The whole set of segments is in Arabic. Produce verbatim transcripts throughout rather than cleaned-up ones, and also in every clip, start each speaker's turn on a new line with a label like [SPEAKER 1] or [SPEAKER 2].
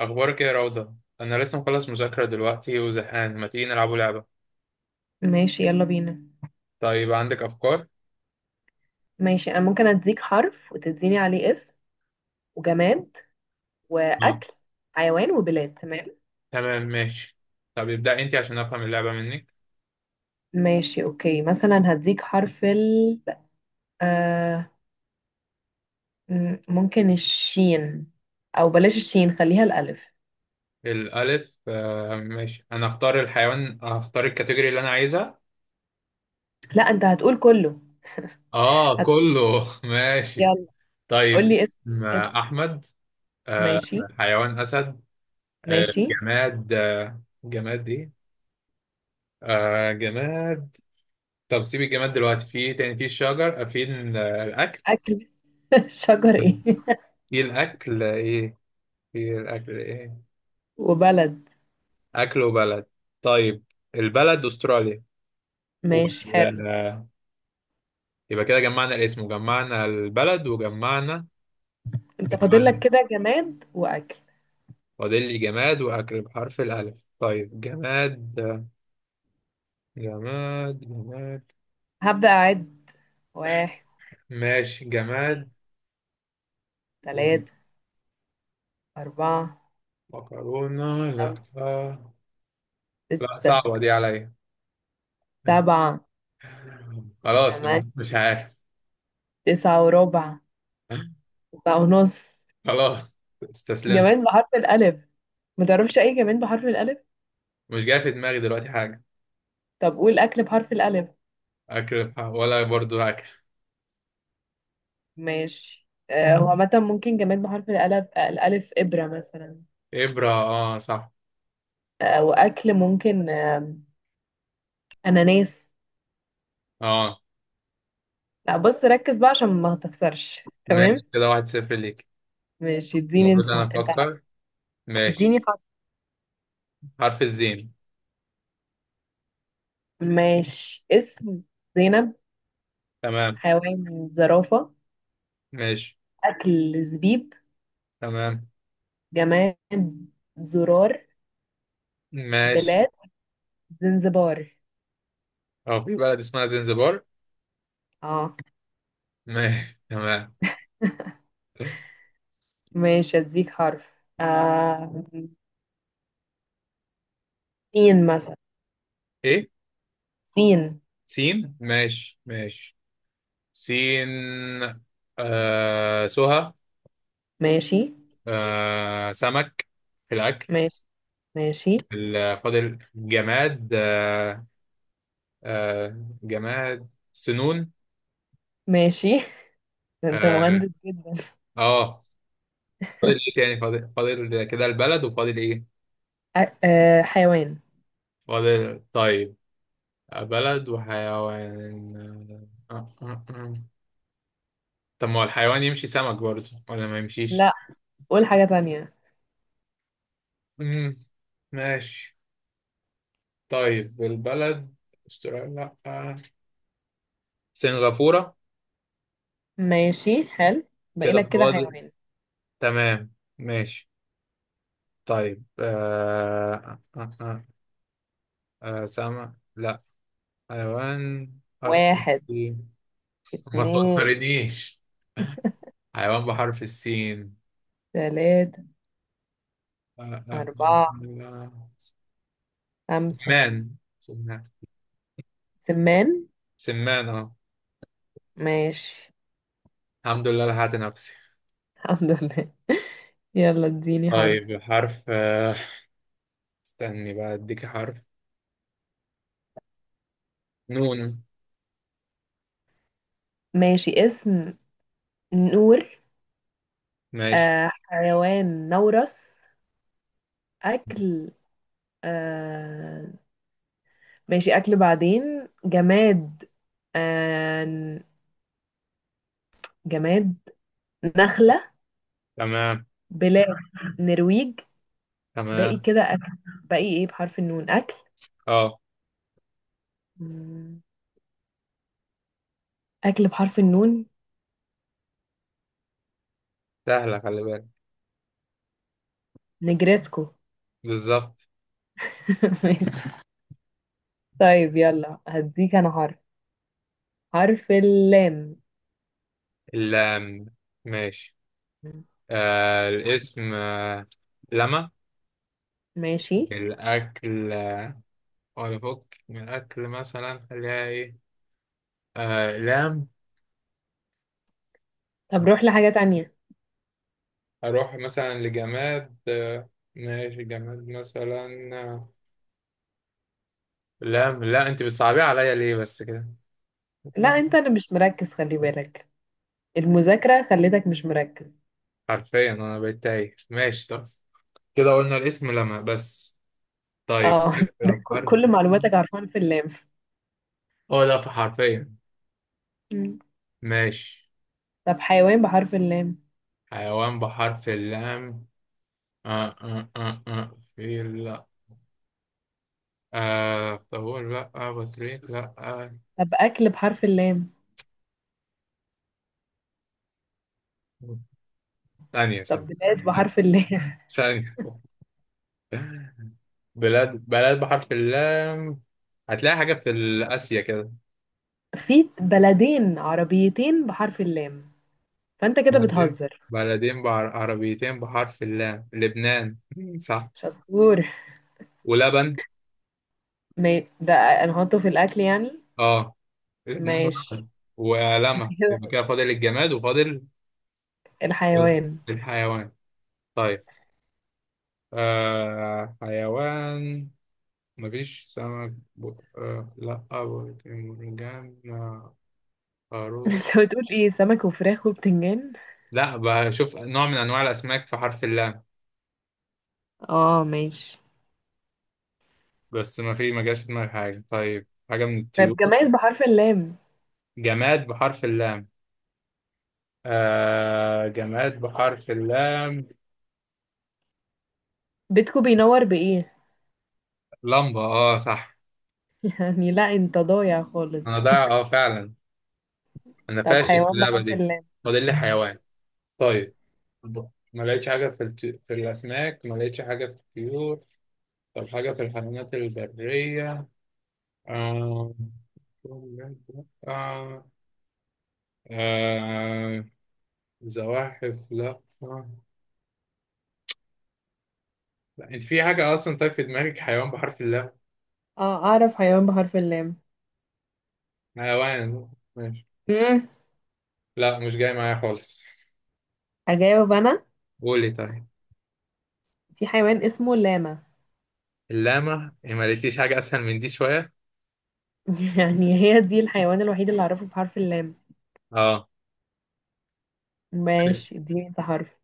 [SPEAKER 1] أخبارك إيه يا روضة؟ أنا لسه مخلص مذاكرة دلوقتي وزهقان، ما تيجي نلعبوا لعبة؟
[SPEAKER 2] ماشي، يلا بينا.
[SPEAKER 1] طيب عندك أفكار؟
[SPEAKER 2] ماشي، انا ممكن اديك حرف وتديني عليه اسم وجماد
[SPEAKER 1] آه.
[SPEAKER 2] واكل حيوان وبلاد. تمام.
[SPEAKER 1] تمام ماشي، طب ابدأ أنت عشان أفهم اللعبة منك.
[SPEAKER 2] ماشي، اوكي، مثلا هديك حرف ال آه م- ممكن الشين او بلاش الشين، خليها الالف.
[SPEAKER 1] الألف آه ماشي، أنا أختار الحيوان، أختار الكاتيجوري اللي أنا عايزها.
[SPEAKER 2] لا، انت هتقول كله.
[SPEAKER 1] آه
[SPEAKER 2] هتقول،
[SPEAKER 1] كله ماشي.
[SPEAKER 2] يلا
[SPEAKER 1] طيب
[SPEAKER 2] قول لي اسم
[SPEAKER 1] اسم
[SPEAKER 2] اسم
[SPEAKER 1] آه، أحمد. آه
[SPEAKER 2] ماشي.
[SPEAKER 1] حيوان أسد. آه
[SPEAKER 2] ماشي،
[SPEAKER 1] جماد، آه جماد إيه؟ آه جماد. طب سيب الجماد دلوقتي، في إيه تاني؟ في الشجر، آه، في ال- الأكل.
[SPEAKER 2] اكل. شجر ايه؟
[SPEAKER 1] ايه الاكل ايه؟ في الأكل إيه؟
[SPEAKER 2] وبلد.
[SPEAKER 1] أكل وبلد. طيب البلد أستراليا.
[SPEAKER 2] ماشي حلو.
[SPEAKER 1] وال- يبقى كده جمعنا الاسم وجمعنا البلد وجمعنا،
[SPEAKER 2] انت فاضل لك
[SPEAKER 1] جمعنا
[SPEAKER 2] كده جماد واكل.
[SPEAKER 1] فاضل لي جماد وأكل بحرف الألف. طيب جماد، جماد جماد.
[SPEAKER 2] هبدأ اعد: واحد،
[SPEAKER 1] ماشي
[SPEAKER 2] اتنين،
[SPEAKER 1] جماد.
[SPEAKER 2] تلاتة، أربعة،
[SPEAKER 1] مكرونة، لا.
[SPEAKER 2] خمسة،
[SPEAKER 1] لا
[SPEAKER 2] ستة،
[SPEAKER 1] صعبة دي عليا.
[SPEAKER 2] سبعة،
[SPEAKER 1] خلاص.
[SPEAKER 2] تمانية،
[SPEAKER 1] مش عارف.
[SPEAKER 2] تسعة وربع، تسعة ونص.
[SPEAKER 1] خلاص، استسلمت.
[SPEAKER 2] جماد بحرف الألف؟ ما تعرفش أي جماد بحرف الألف؟
[SPEAKER 1] مش جاي في دماغي دلوقتي حاجة.
[SPEAKER 2] طب قول أكل بحرف الألف.
[SPEAKER 1] أكل بح- ولا برضو أكل.
[SPEAKER 2] ماشي. آه، هو عامة ممكن جماد بحرف الألف، آه، الألف إبرة مثلا.
[SPEAKER 1] إبرة، آه صح.
[SPEAKER 2] آه، وأكل ممكن، آه، أناناس.
[SPEAKER 1] اه
[SPEAKER 2] لا، بص ركز بقى عشان ما تخسرش. تمام،
[SPEAKER 1] ماشي، كده واحد صفر ليك.
[SPEAKER 2] ماشي، اديني
[SPEAKER 1] المفروض
[SPEAKER 2] انت
[SPEAKER 1] انا
[SPEAKER 2] انت حق.
[SPEAKER 1] افكر. ماشي.
[SPEAKER 2] اديني حق.
[SPEAKER 1] حرف الزين.
[SPEAKER 2] ماشي، اسم زينب،
[SPEAKER 1] تمام.
[SPEAKER 2] حيوان زرافة،
[SPEAKER 1] ماشي.
[SPEAKER 2] أكل زبيب،
[SPEAKER 1] تمام.
[SPEAKER 2] جماد زرار،
[SPEAKER 1] ماشي.
[SPEAKER 2] بلاد زنزبار.
[SPEAKER 1] هو في بلد اسمها زنزبار؟
[SPEAKER 2] اه،
[SPEAKER 1] ماشي تمام.
[SPEAKER 2] ماشي، اديك حرف. آه. سين مثلا.
[SPEAKER 1] ايه.
[SPEAKER 2] سين.
[SPEAKER 1] سين، ماشي ماشي. سين. آه سهى.
[SPEAKER 2] ماشي،
[SPEAKER 1] آه سمك في الاكل.
[SPEAKER 2] ماشي، ماشي،
[SPEAKER 1] ال- فاضل جماد، آه. آه جماد سنون.
[SPEAKER 2] ماشي. ده انت
[SPEAKER 1] اه.
[SPEAKER 2] مهندس جدا.
[SPEAKER 1] آه. فاضل ايه تاني؟ فاضل، فاضل كده البلد وفاضل ايه؟
[SPEAKER 2] آه. آه. حيوان.
[SPEAKER 1] فاضل طيب، بلد وحيوان. آه، آه، آه. طب ما هو الحيوان يمشي سمك برضه ولا ما يمشيش؟
[SPEAKER 2] لا، قول حاجة تانية.
[SPEAKER 1] مم. ماشي. طيب البلد، استراليا لأ، سنغافورة.
[SPEAKER 2] ماشي حلو. باقي
[SPEAKER 1] كده
[SPEAKER 2] لك كده
[SPEAKER 1] فاضل،
[SPEAKER 2] حيوان.
[SPEAKER 1] تمام ماشي. طيب آه... آه... آه... آه... آه، سمك لا. حيوان، حرف
[SPEAKER 2] واحد،
[SPEAKER 1] السين. ما
[SPEAKER 2] اتنين،
[SPEAKER 1] تفكرنيش. حيوان بحرف السين.
[SPEAKER 2] تلاتة،
[SPEAKER 1] آه... آه... آه...
[SPEAKER 2] أربعة،
[SPEAKER 1] آه. آه.
[SPEAKER 2] خمسة.
[SPEAKER 1] سمان، سمان.
[SPEAKER 2] سمان.
[SPEAKER 1] سمان، اه.
[SPEAKER 2] ماشي.
[SPEAKER 1] الحمد لله لحقت نفسي.
[SPEAKER 2] الحمد لله. يلا اديني حرف.
[SPEAKER 1] طيب حرف، آه، استني بقى اديك حرف. نون.
[SPEAKER 2] ماشي، اسم نور.
[SPEAKER 1] ماشي.
[SPEAKER 2] آه حيوان نورس. أكل. آه ماشي، أكل بعدين جماد. آه جماد نخلة.
[SPEAKER 1] تمام.
[SPEAKER 2] بلاد نرويج. باقي
[SPEAKER 1] تمام.
[SPEAKER 2] كده أكل. باقي إيه بحرف النون أكل؟
[SPEAKER 1] اه.
[SPEAKER 2] مم، أكل بحرف النون.
[SPEAKER 1] سهلة خلي بالك.
[SPEAKER 2] نجرسكو.
[SPEAKER 1] بالظبط.
[SPEAKER 2] ماشي. طيب يلا هديك أنا حرف حرف اللام.
[SPEAKER 1] اللام. ماشي. آه الاسم، آه لما.
[SPEAKER 2] ماشي.
[SPEAKER 1] الأكل آه، ولا فك من الأكل مثلا، خليها إيه؟ آه لام.
[SPEAKER 2] طب روح لحاجة تانية.
[SPEAKER 1] أروح مثلا لجماد، آه. ماشي، جماد مثلا. آه، لام لا. أنت بتصعبيه عليا ليه بس كده؟
[SPEAKER 2] لا أنت، أنا مش مركز خلي بالك. المذاكرة خلتك مش مركز.
[SPEAKER 1] حرفيا انا بقيت تايه. ماشي طب، كده قلنا الاسم لما بس. طيب
[SPEAKER 2] اه. ده
[SPEAKER 1] نبدأ
[SPEAKER 2] ك-
[SPEAKER 1] بحرف.
[SPEAKER 2] كل معلوماتك عارفاها في اللام.
[SPEAKER 1] اه، لا في حرفيا.
[SPEAKER 2] مم.
[SPEAKER 1] ماشي.
[SPEAKER 2] طب حيوان بحرف اللام؟
[SPEAKER 1] حيوان بحرف اللام. آه آه آه آه في، لا. آه طول لا، آه بطريق لا، آه.
[SPEAKER 2] طب أكل بحرف اللام؟
[SPEAKER 1] ثانية
[SPEAKER 2] طب
[SPEAKER 1] ثانية.
[SPEAKER 2] بلاد بحرف اللام؟
[SPEAKER 1] ثانية ثانية. بلاد بلاد بحرف اللام. هتلاقي حاجة في آسيا كده.
[SPEAKER 2] في بلدين عربيتين بحرف اللام. فأنت كده
[SPEAKER 1] بلدين.
[SPEAKER 2] بتهزر.
[SPEAKER 1] بلدين بعر... عربيتين بحرف اللام، لبنان مم، صح.
[SPEAKER 2] شطور.
[SPEAKER 1] ولبن.
[SPEAKER 2] ما ده، هنحطه في الأكل يعني.
[SPEAKER 1] اه، الاثنين
[SPEAKER 2] ماشي.
[SPEAKER 1] ورقة. ولمع. يبقى
[SPEAKER 2] كده
[SPEAKER 1] كده فاضل الجماد وفاضل، فاضل
[SPEAKER 2] الحيوان.
[SPEAKER 1] الحيوان. طيب آه حيوان. مفيش سمك ب... آه لا. مرجان، آه. خروف.
[SPEAKER 2] انت بتقول ايه، سمك وفراخ وبتنجان.
[SPEAKER 1] لا بشوف نوع من انواع الاسماك في حرف اللام.
[SPEAKER 2] اه، ماشي.
[SPEAKER 1] بس ما في، ما جاش في دماغي حاجه. طيب حاجه من
[SPEAKER 2] طب
[SPEAKER 1] الطيور.
[SPEAKER 2] جماد بحرف اللام.
[SPEAKER 1] جماد بحرف اللام. آه جماد بحرف اللام.
[SPEAKER 2] بيتكو بينور بإيه؟
[SPEAKER 1] لمبه، اه صح.
[SPEAKER 2] يعني لا، انت ضايع خالص.
[SPEAKER 1] انا ضايع، اه فعلا. انا
[SPEAKER 2] طب
[SPEAKER 1] فاشل في
[SPEAKER 2] حيوان
[SPEAKER 1] اللعبه
[SPEAKER 2] بحرف
[SPEAKER 1] دي.
[SPEAKER 2] اللام.
[SPEAKER 1] فاضل لي حيوان. طيب ما لقيتش حاجة في الت... في الأسماك، ما لقيتش حاجة في الطيور. طب حاجة في الحيوانات البرية. آه... آه... آه... زواحف لا، آه. لا انت في حاجة أصلا؟ طيب في دماغك حيوان بحرف اللام؟
[SPEAKER 2] اه، اعرف حيوان بحرف اللام.
[SPEAKER 1] حيوان. ماشي.
[SPEAKER 2] مم.
[SPEAKER 1] لا مش جاي معايا خالص.
[SPEAKER 2] اجاوب انا.
[SPEAKER 1] قولي طيب.
[SPEAKER 2] في حيوان اسمه لاما.
[SPEAKER 1] اللامة إيه، ما لقيتيش حاجة أسهل من دي شوية؟
[SPEAKER 2] يعني هي دي الحيوان الوحيد اللي اعرفه بحرف اللام.
[SPEAKER 1] اه. ماشي.
[SPEAKER 2] ماشي، اديني انت حرف.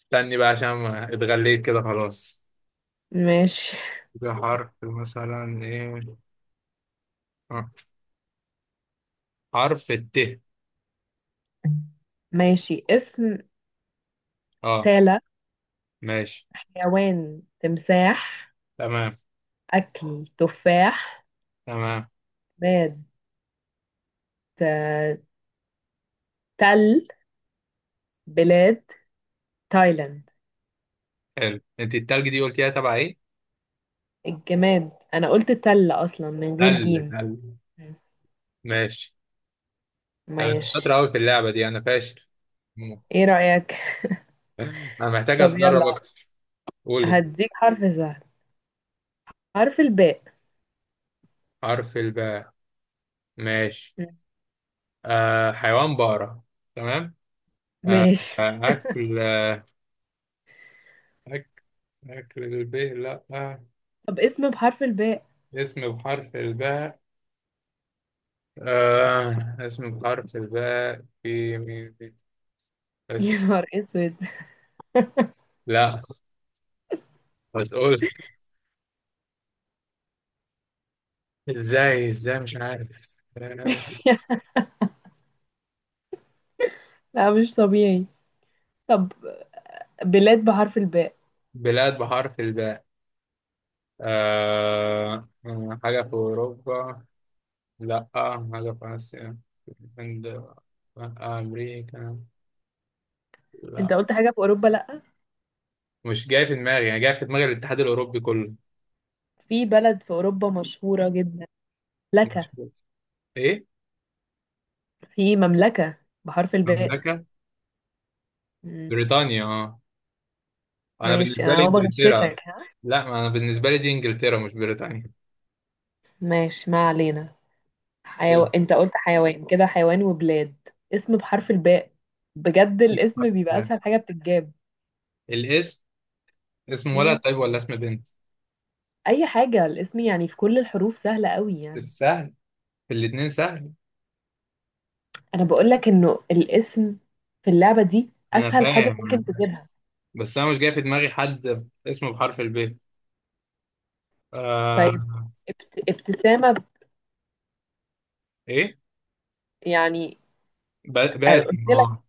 [SPEAKER 1] استني بقى عشان ما اتغليت كده خلاص.
[SPEAKER 2] ماشي،
[SPEAKER 1] حاجة حرف مثلا ايه، حرف الت.
[SPEAKER 2] ماشي. اسم
[SPEAKER 1] اه.
[SPEAKER 2] تالة.
[SPEAKER 1] ماشي.
[SPEAKER 2] حيوان تمساح.
[SPEAKER 1] تمام.
[SPEAKER 2] اكل تفاح.
[SPEAKER 1] تمام.
[SPEAKER 2] جماد آه، تل. بلاد تايلاند.
[SPEAKER 1] حلو، انت التلج دي قلتيها تبع ايه؟
[SPEAKER 2] الجماد انا قلت تل اصلا من غير
[SPEAKER 1] تل،
[SPEAKER 2] جيم.
[SPEAKER 1] تل. ماشي. انا مش شاطر
[SPEAKER 2] ماشي.
[SPEAKER 1] قوي في اللعبة دي، انا فاشل.
[SPEAKER 2] ايه رأيك؟
[SPEAKER 1] انا محتاج
[SPEAKER 2] طب
[SPEAKER 1] اتدرب
[SPEAKER 2] يلا
[SPEAKER 1] اكتر. قولي.
[SPEAKER 2] هديك حرف سهل. حرف الباء.
[SPEAKER 1] حرف الباء. ماشي. آه حيوان بقرة. تمام. آه.
[SPEAKER 2] ماشي.
[SPEAKER 1] آه، اكل. أكل. أكل الباء لا، آه.
[SPEAKER 2] طب اسم بحرف الباء.
[SPEAKER 1] اسم بحرف الباء. آه. اسم بحرف الباء، في مين في؟
[SPEAKER 2] يا
[SPEAKER 1] اسم.
[SPEAKER 2] نهار اسود.
[SPEAKER 1] لا. هتقول. ازاي ازاي مش عارف.
[SPEAKER 2] لا، مش طبيعي. طب بلاد بحرف الباء.
[SPEAKER 1] بلاد بحرف الباء. آه آه، حاجة في أوروبا لأ، حاجة في آسيا، الهند لأ، أمريكا
[SPEAKER 2] انت
[SPEAKER 1] لأ.
[SPEAKER 2] قلت حاجة في اوروبا، لا.
[SPEAKER 1] مش جاي في دماغي، يعني جاي في دماغي الاتحاد الأوروبي كله.
[SPEAKER 2] في بلد في اوروبا مشهورة جدا لك.
[SPEAKER 1] مش- إيه؟
[SPEAKER 2] في مملكة بحرف الباء.
[SPEAKER 1] المملكة.
[SPEAKER 2] مم.
[SPEAKER 1] بريطانيا، اه. أنا
[SPEAKER 2] ماشي،
[SPEAKER 1] بالنسبة
[SPEAKER 2] انا
[SPEAKER 1] لي
[SPEAKER 2] هو
[SPEAKER 1] إنجلترا.
[SPEAKER 2] بغششك ها.
[SPEAKER 1] لأ، ما أنا بالنسبة لي دي إنجلترا مش بريطانيا.
[SPEAKER 2] ماشي، ما علينا. حيو...
[SPEAKER 1] حلو.
[SPEAKER 2] انت قلت حيوان، كده حيوان وبلاد. اسم بحرف الباء، بجد الاسم بيبقى
[SPEAKER 1] لا.
[SPEAKER 2] اسهل حاجة بتتجاب.
[SPEAKER 1] الاسم. اسم ولد
[SPEAKER 2] مم.
[SPEAKER 1] طيب ولا اسم بنت؟
[SPEAKER 2] اي حاجة، الاسم يعني في كل الحروف سهلة قوي يعني.
[SPEAKER 1] السهل، في الاتنين سهل.
[SPEAKER 2] انا بقول لك انه الاسم في اللعبة دي
[SPEAKER 1] أنا
[SPEAKER 2] اسهل حاجة
[SPEAKER 1] فاهم،
[SPEAKER 2] ممكن تجيبها.
[SPEAKER 1] بس انا مش جاي في دماغي حد اسمه بحرف الب.
[SPEAKER 2] طيب
[SPEAKER 1] آه.
[SPEAKER 2] ابت... ابتسامة
[SPEAKER 1] ايه.
[SPEAKER 2] يعني.
[SPEAKER 1] با-
[SPEAKER 2] أنا
[SPEAKER 1] باسم،
[SPEAKER 2] قلت لك.
[SPEAKER 1] اه.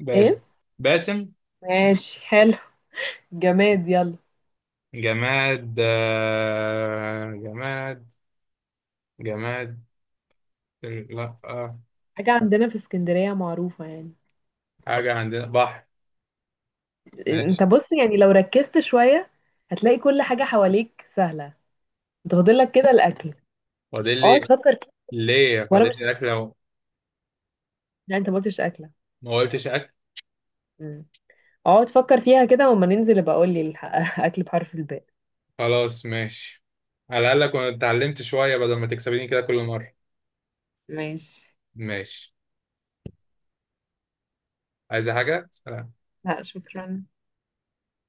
[SPEAKER 1] باسم.
[SPEAKER 2] ايه.
[SPEAKER 1] باسم.
[SPEAKER 2] ماشي حلو. جماد يلا.
[SPEAKER 1] جماد، آه جماد. جماد. لا، آه.
[SPEAKER 2] حاجة عندنا في اسكندرية معروفة يعني.
[SPEAKER 1] حاجة عندنا بحر. ماشي.
[SPEAKER 2] انت بص يعني لو ركزت شوية هتلاقي كل حاجة حواليك سهلة. انت فاضل لك كده الاكل.
[SPEAKER 1] فاضل
[SPEAKER 2] اقعد
[SPEAKER 1] لي.
[SPEAKER 2] فكر كده.
[SPEAKER 1] ليه
[SPEAKER 2] وانا
[SPEAKER 1] فاضل
[SPEAKER 2] مش، ه-
[SPEAKER 1] لي اكل لو؟
[SPEAKER 2] يعني انت ما قلتش اكلة.
[SPEAKER 1] ما قلتش اكل.
[SPEAKER 2] مم. اقعد فكر فيها كده وما ننزل ابقى اقول لي الح- اكل بحرف الباء.
[SPEAKER 1] خلاص ماشي. على الاقل كنت اتعلمت شوية بدل ما تكسبيني كده كل مرة.
[SPEAKER 2] ماشي.
[SPEAKER 1] ماشي. عايزة حاجة؟ سلام.
[SPEAKER 2] لا شكرا.